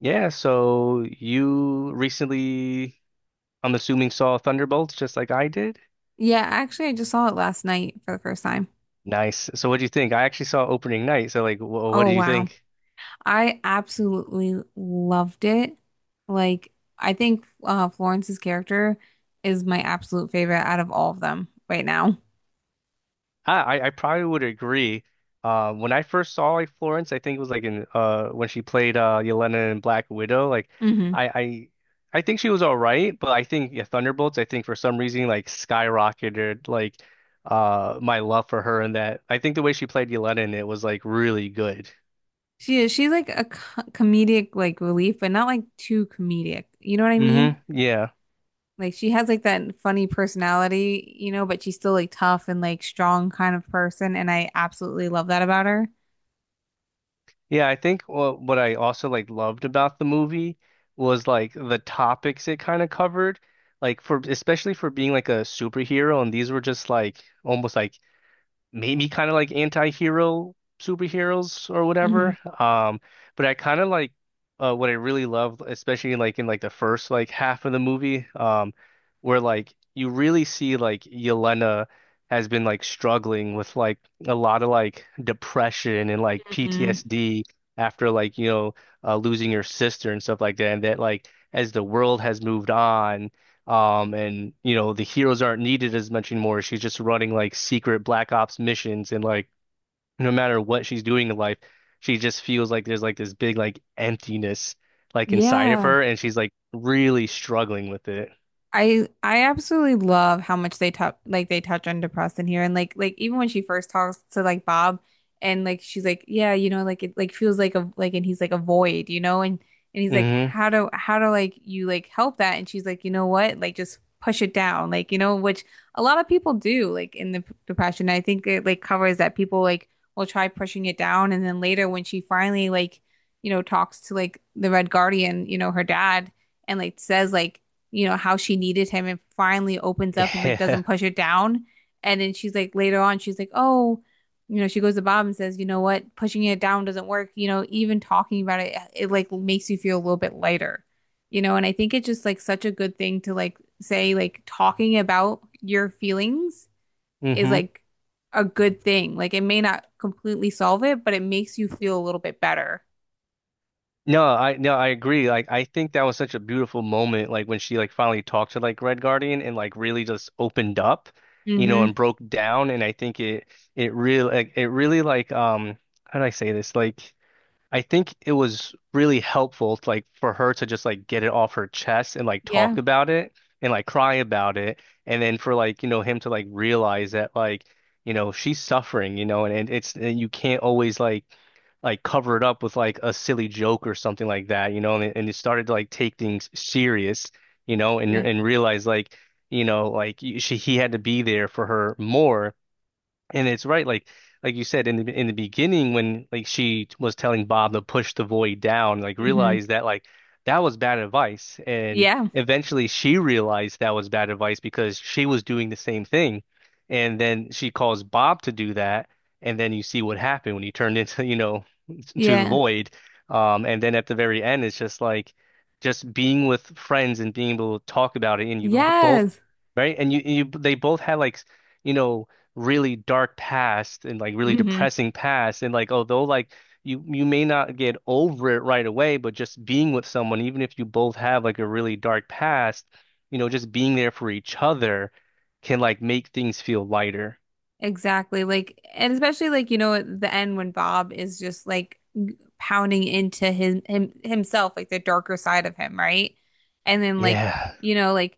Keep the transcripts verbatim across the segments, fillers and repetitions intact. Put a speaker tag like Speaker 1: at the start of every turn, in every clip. Speaker 1: Yeah, so you recently, I'm assuming, saw Thunderbolts just like I did.
Speaker 2: Yeah, actually, I just saw it last night for the first time.
Speaker 1: Nice. So what do you think? I actually saw opening night. So like, wh what
Speaker 2: Oh,
Speaker 1: do you
Speaker 2: wow.
Speaker 1: think?
Speaker 2: I absolutely loved it. Like, I think uh, Florence's character is my absolute favorite out of all of them right now.
Speaker 1: Ah, I I probably would agree. Um, when I first saw like Florence, I think it was like in uh when she played uh Yelena in Black Widow. Like,
Speaker 2: hmm
Speaker 1: I I I think she was all right, but I think yeah, Thunderbolts. I think for some reason like skyrocketed like uh my love for her in that. I think the way she played Yelena in it was like really good.
Speaker 2: She is, she's like a co comedic like relief, but not like too comedic. You know what I mean?
Speaker 1: Mm-hmm. Yeah.
Speaker 2: Like she has like that funny personality, you know, but she's still like tough and like strong kind of person, and I absolutely love that about her.
Speaker 1: Yeah, I think wha- what I also like loved about the movie was like the topics it kind of covered, like for especially for being like a superhero, and these were just like almost like maybe kind of like anti-hero superheroes or
Speaker 2: hmm
Speaker 1: whatever. Um, but I kind of like uh, what I really love, especially in like in like the first like half of the movie, um, where like you really see like Yelena has been like struggling with like a lot of like depression and like
Speaker 2: hmm
Speaker 1: P T S D after like you know uh, losing your sister and stuff like that, and that like as the world has moved on um, and you know, the heroes aren't needed as much anymore. She's just running like secret Black Ops missions and like no matter what she's doing in life, she just feels like there's like this big like emptiness like inside of
Speaker 2: Yeah.
Speaker 1: her and she's like really struggling with it.
Speaker 2: I I absolutely love how much they touch like they touch on depression here and like like even when she first talks to like Bob and like she's like yeah you know like it like feels like a like and he's like a void you know and and he's like
Speaker 1: Hmm
Speaker 2: how do how do like you like help that and she's like you know what like just push it down like you know which a lot of people do like in the p- depression. I think it like covers that people like will try pushing it down and then later when she finally like you know talks to like the Red Guardian, you know, her dad and like says like you know, how she needed him and finally opens up and like
Speaker 1: Yeah.
Speaker 2: doesn't push her down. And then she's like later on, she's like, oh, you know, she goes to Bob and says, you know what, pushing it down doesn't work. You know, even talking about it, it like makes you feel a little bit lighter, you know. And I think it's just like such a good thing to like say, like talking about your feelings is
Speaker 1: hmm
Speaker 2: like a good thing. Like it may not completely solve it, but it makes you feel a little bit better.
Speaker 1: No, I no, I agree. Like I think that was such a beautiful moment, like when she like finally talked to like Red Guardian and like really just opened up, you know,
Speaker 2: Mm-hmm.
Speaker 1: and broke down. And I think it it really like it really like um how do I say this? Like I think it was really helpful to, like for her to just like get it off her chest and like talk
Speaker 2: Yeah.
Speaker 1: about it and like cry about it and then for like you know him to like realize that like you know she's suffering you know and, and it's and you can't always like like cover it up with like a silly joke or something like that you know and it, and it started to like take things serious you know and
Speaker 2: Yeah.
Speaker 1: and realize like you know like y- she he had to be there for her more and it's right, like like you said in the in the beginning when like she was telling Bob to push the void down, like
Speaker 2: Mm-hmm.
Speaker 1: realize that like that was bad advice. And
Speaker 2: Yeah.
Speaker 1: eventually she realized that was bad advice because she was doing the same thing. And then she calls Bob to do that. And then you see what happened when he turned into, you know, to the
Speaker 2: Yeah.
Speaker 1: void. Um, and then at the very end, it's just like just being with friends and being able to talk about it. And you bo- both,
Speaker 2: Yes.
Speaker 1: right? And you, you, they both had like, you know, really dark past and like really
Speaker 2: hmm
Speaker 1: depressing past. And like, although like you, you may not get over it right away, but just being with someone, even if you both have like a really dark past, you know, just being there for each other can like make things feel lighter.
Speaker 2: Exactly. Like, and especially like, you know, at the end when Bob is just like g- pounding into his him himself, like the darker side of him, right? And then like,
Speaker 1: Yeah.
Speaker 2: you know, like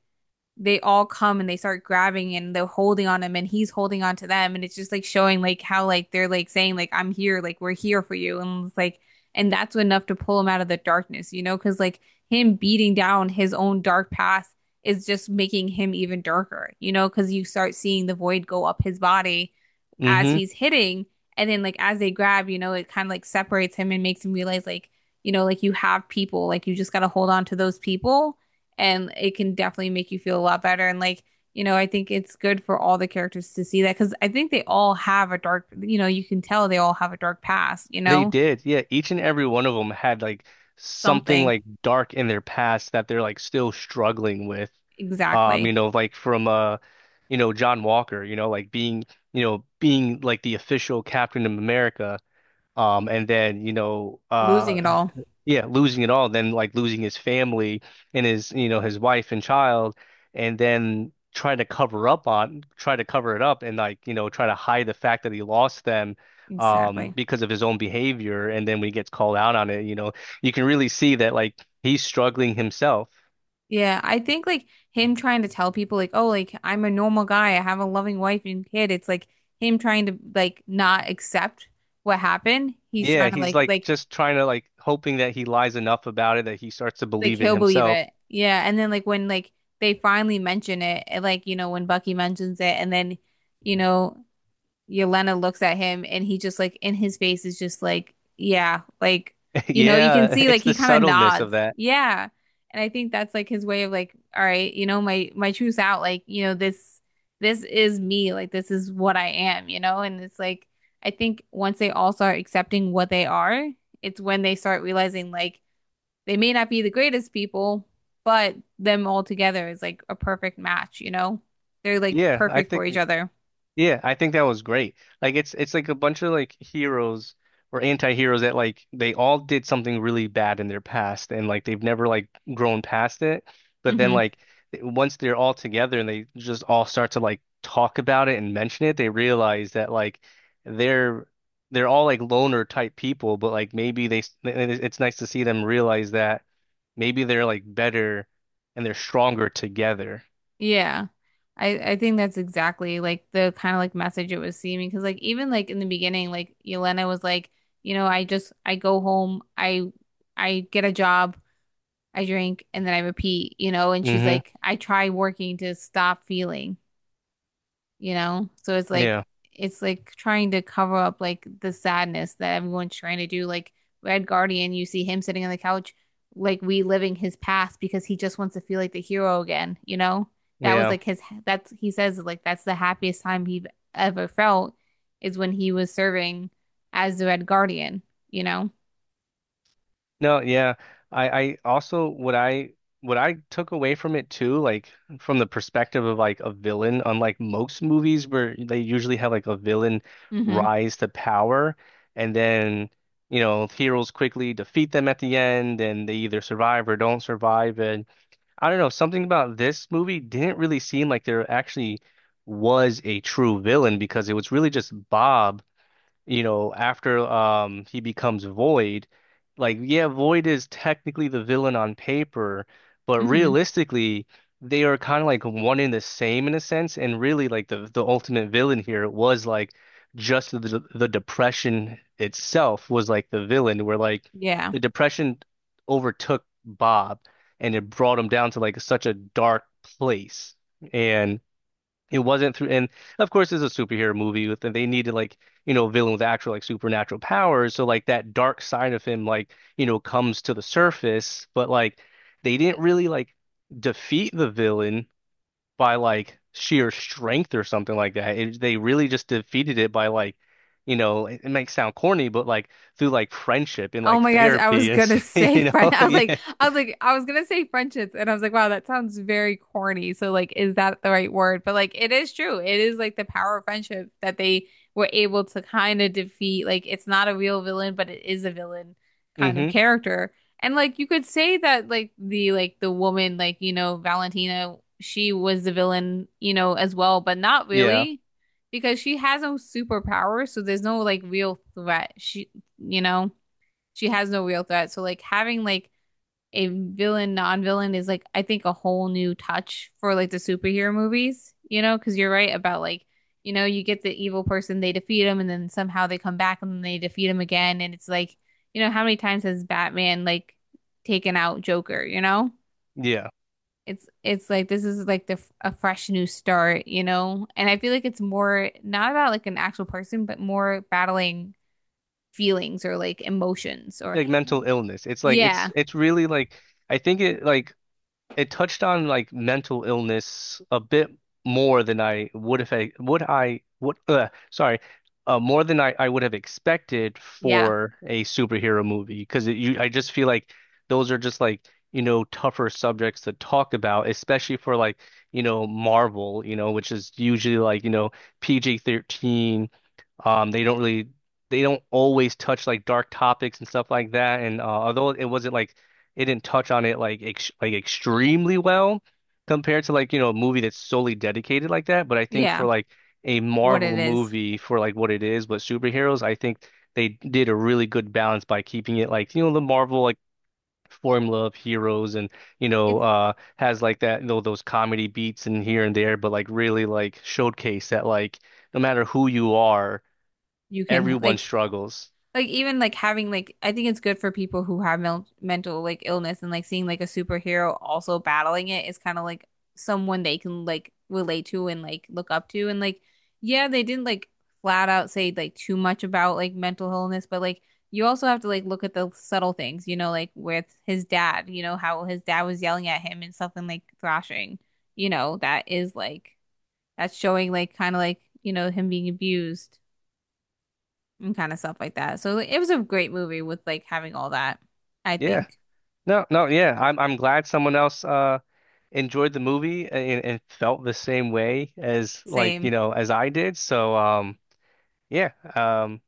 Speaker 2: they all come and they start grabbing and they're holding on him and he's holding on to them and it's just like showing like how like they're like saying like I'm here like we're here for you and it's like and that's enough to pull him out of the darkness you know because like him beating down his own dark past is just making him even darker you know because you start seeing the void go up his body as
Speaker 1: hmm
Speaker 2: he's hitting and then like as they grab you know it kind of like separates him and makes him realize like you know like you have people like you just got to hold on to those people and it can definitely make you feel a lot better. And like, you know, I think it's good for all the characters to see that because I think they all have a dark, you know, you can tell they all have a dark past, you
Speaker 1: They
Speaker 2: know,
Speaker 1: did. Yeah, each and every one of them had like something
Speaker 2: something
Speaker 1: like dark in their past that they're like still struggling with. Um,
Speaker 2: exactly
Speaker 1: you know, like from uh, you know, John Walker, you know, like being, you know, being like the official Captain of America. Um, and then, you know,
Speaker 2: losing it
Speaker 1: uh
Speaker 2: all
Speaker 1: yeah, losing it all, then like losing his family and his, you know, his wife and child, and then trying to cover up on, try to cover it up and like, you know, try to hide the fact that he lost them um
Speaker 2: exactly.
Speaker 1: because of his own behavior. And then when he gets called out on it, you know, you can really see that like he's struggling himself.
Speaker 2: Yeah, I think like him trying to tell people like, oh, like I'm a normal guy, I have a loving wife and kid. It's like him trying to like not accept what happened. He's
Speaker 1: Yeah,
Speaker 2: trying to
Speaker 1: he's
Speaker 2: like
Speaker 1: like
Speaker 2: like
Speaker 1: just trying to like hoping that he lies enough about it that he starts to
Speaker 2: like
Speaker 1: believe it
Speaker 2: he'll believe
Speaker 1: himself.
Speaker 2: it. Yeah. And then like when like they finally mention it, and, like, you know, when Bucky mentions it and then, you know, Yelena looks at him and he just like in his face is just like, yeah, like, you know, you can
Speaker 1: Yeah,
Speaker 2: see like
Speaker 1: it's
Speaker 2: he
Speaker 1: the
Speaker 2: kind of
Speaker 1: subtleness
Speaker 2: nods.
Speaker 1: of that.
Speaker 2: Yeah. And I think that's like his way of like, all right, you know, my my truth's out. Like, you know, this this is me. Like this is what I am, you know? And it's like I think once they all start accepting what they are, it's when they start realizing like they may not be the greatest people, but them all together is like a perfect match, you know? They're like
Speaker 1: Yeah, I
Speaker 2: perfect for
Speaker 1: think
Speaker 2: each other.
Speaker 1: Yeah, I think that was great. Like it's it's like a bunch of like heroes or anti-heroes that like they all did something really bad in their past and like they've never like grown past it. But then
Speaker 2: hmm
Speaker 1: like once they're all together and they just all start to like talk about it and mention it, they realize that like they're they're all like loner type people, but like maybe they s- it's nice to see them realize that maybe they're like better and they're stronger together.
Speaker 2: Yeah. I, I think that's exactly like the kind of like message it was seeming because like even like in the beginning like Yelena was like you know I just I go home I I get a job I drink and then I repeat you know and she's
Speaker 1: Hmm
Speaker 2: like I try working to stop feeling you know? So it's like
Speaker 1: Yeah.
Speaker 2: it's like trying to cover up like the sadness that everyone's trying to do. Like Red Guardian, you see him sitting on the couch, like reliving his past because he just wants to feel like the hero again, you know? That was
Speaker 1: Yeah.
Speaker 2: like his that's he says like that's the happiest time he ever felt is when he was serving as the Red Guardian, you know?
Speaker 1: No, yeah. I, I also what I what I took away from it too, like from the perspective of like a villain, unlike most movies where they usually have like a villain
Speaker 2: Mm-hmm.
Speaker 1: rise to power and then, you know, heroes quickly defeat them at the end and they either survive or don't survive. And I don't know, something about this movie didn't really seem like there actually was a true villain because it was really just Bob you know, after um he becomes Void, like yeah, Void is technically the villain on paper, but
Speaker 2: Mm-hmm.
Speaker 1: realistically, they are kind of like one in the same in a sense, and really like the the ultimate villain here was like just the the depression itself was like the villain, where like
Speaker 2: Yeah.
Speaker 1: the depression overtook Bob and it brought him down to like such a dark place. And it wasn't through, and of course, it's a superhero movie with, and they needed like, you know, a villain with actual like supernatural powers. So like that dark side of him, like, you know, comes to the surface, but like they didn't really like defeat the villain by like sheer strength or something like that. It, they really just defeated it by like, you know, it, it might sound corny, but like through like friendship and
Speaker 2: Oh
Speaker 1: like
Speaker 2: my gosh, I was
Speaker 1: therapy and,
Speaker 2: gonna say
Speaker 1: you
Speaker 2: friend.
Speaker 1: know,
Speaker 2: I was like,
Speaker 1: yeah.
Speaker 2: I was like, I was gonna say friendships, and I was like, wow, that sounds very corny. So like, is that the right word? But like, it is true. It is like the power of friendship that they were able to kind of defeat. Like, it's not a real villain, but it is a villain kind of
Speaker 1: hmm
Speaker 2: character. And like, you could say that like the like the woman, like you know, Valentina, she was the villain, you know, as well, but not
Speaker 1: yeah.
Speaker 2: really. Because she has no superpower, so there's no like real threat. She, you know, she has no real threat. So like having like a villain non-villain is like I think a whole new touch for like the superhero movies, you know, cuz you're right about like you know, you get the evil person, they defeat him and then somehow they come back and then they defeat him again and it's like, you know, how many times has Batman like taken out Joker, you know?
Speaker 1: Yeah.
Speaker 2: It's it's like this is like the a fresh new start, you know? And I feel like it's more not about like an actual person, but more battling feelings or like emotions or
Speaker 1: Like mental illness. It's like,
Speaker 2: yeah,
Speaker 1: it's, it's really like, I think it like, it touched on like mental illness a bit more than I would have would I would uh, sorry uh, more than I, I would have expected
Speaker 2: yeah.
Speaker 1: for a superhero movie because you I just feel like those are just like you know tougher subjects to talk about especially for like you know Marvel you know which is usually like you know P G thirteen um, they don't really they don't always touch like dark topics and stuff like that. And uh, although it wasn't like it didn't touch on it like ex like extremely well compared to like you know a movie that's solely dedicated like that. But I think
Speaker 2: Yeah,
Speaker 1: for like a
Speaker 2: what
Speaker 1: Marvel
Speaker 2: it is.
Speaker 1: movie for like what it is, but superheroes, I think they did a really good balance by keeping it like you know the Marvel like formula of heroes and you know
Speaker 2: It
Speaker 1: uh has like that you know those comedy beats and here and there but like really like showcase that like no matter who you are
Speaker 2: you can
Speaker 1: everyone
Speaker 2: like
Speaker 1: struggles.
Speaker 2: like even like having like I think it's good for people who have mel mental like illness and like seeing like a superhero also battling it is kind of like someone they can like relate to and like look up to and like yeah, they didn't like flat out say like too much about like mental illness, but like you also have to like look at the subtle things, you know, like with his dad, you know, how his dad was yelling at him and something like thrashing, you know, that is like that's showing like kind of like you know him being abused and kind of stuff like that. So like, it was a great movie with like having all that. I
Speaker 1: Yeah.
Speaker 2: think
Speaker 1: No, no, yeah. I'm I'm glad someone else uh enjoyed the movie and, and felt the same way as like, you
Speaker 2: same.
Speaker 1: know, as I did. So um yeah. Um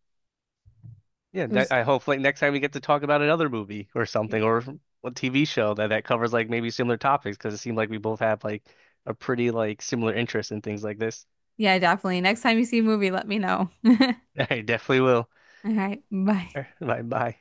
Speaker 1: yeah,
Speaker 2: It
Speaker 1: that,
Speaker 2: was
Speaker 1: I hope like next time we get to talk about another movie or something or a T V show that that covers like maybe similar topics because it seemed like we both have like a pretty like similar interest in things like this.
Speaker 2: yeah, definitely. Next time you see a movie, let me know.
Speaker 1: I definitely will.
Speaker 2: All right, bye.
Speaker 1: Bye bye.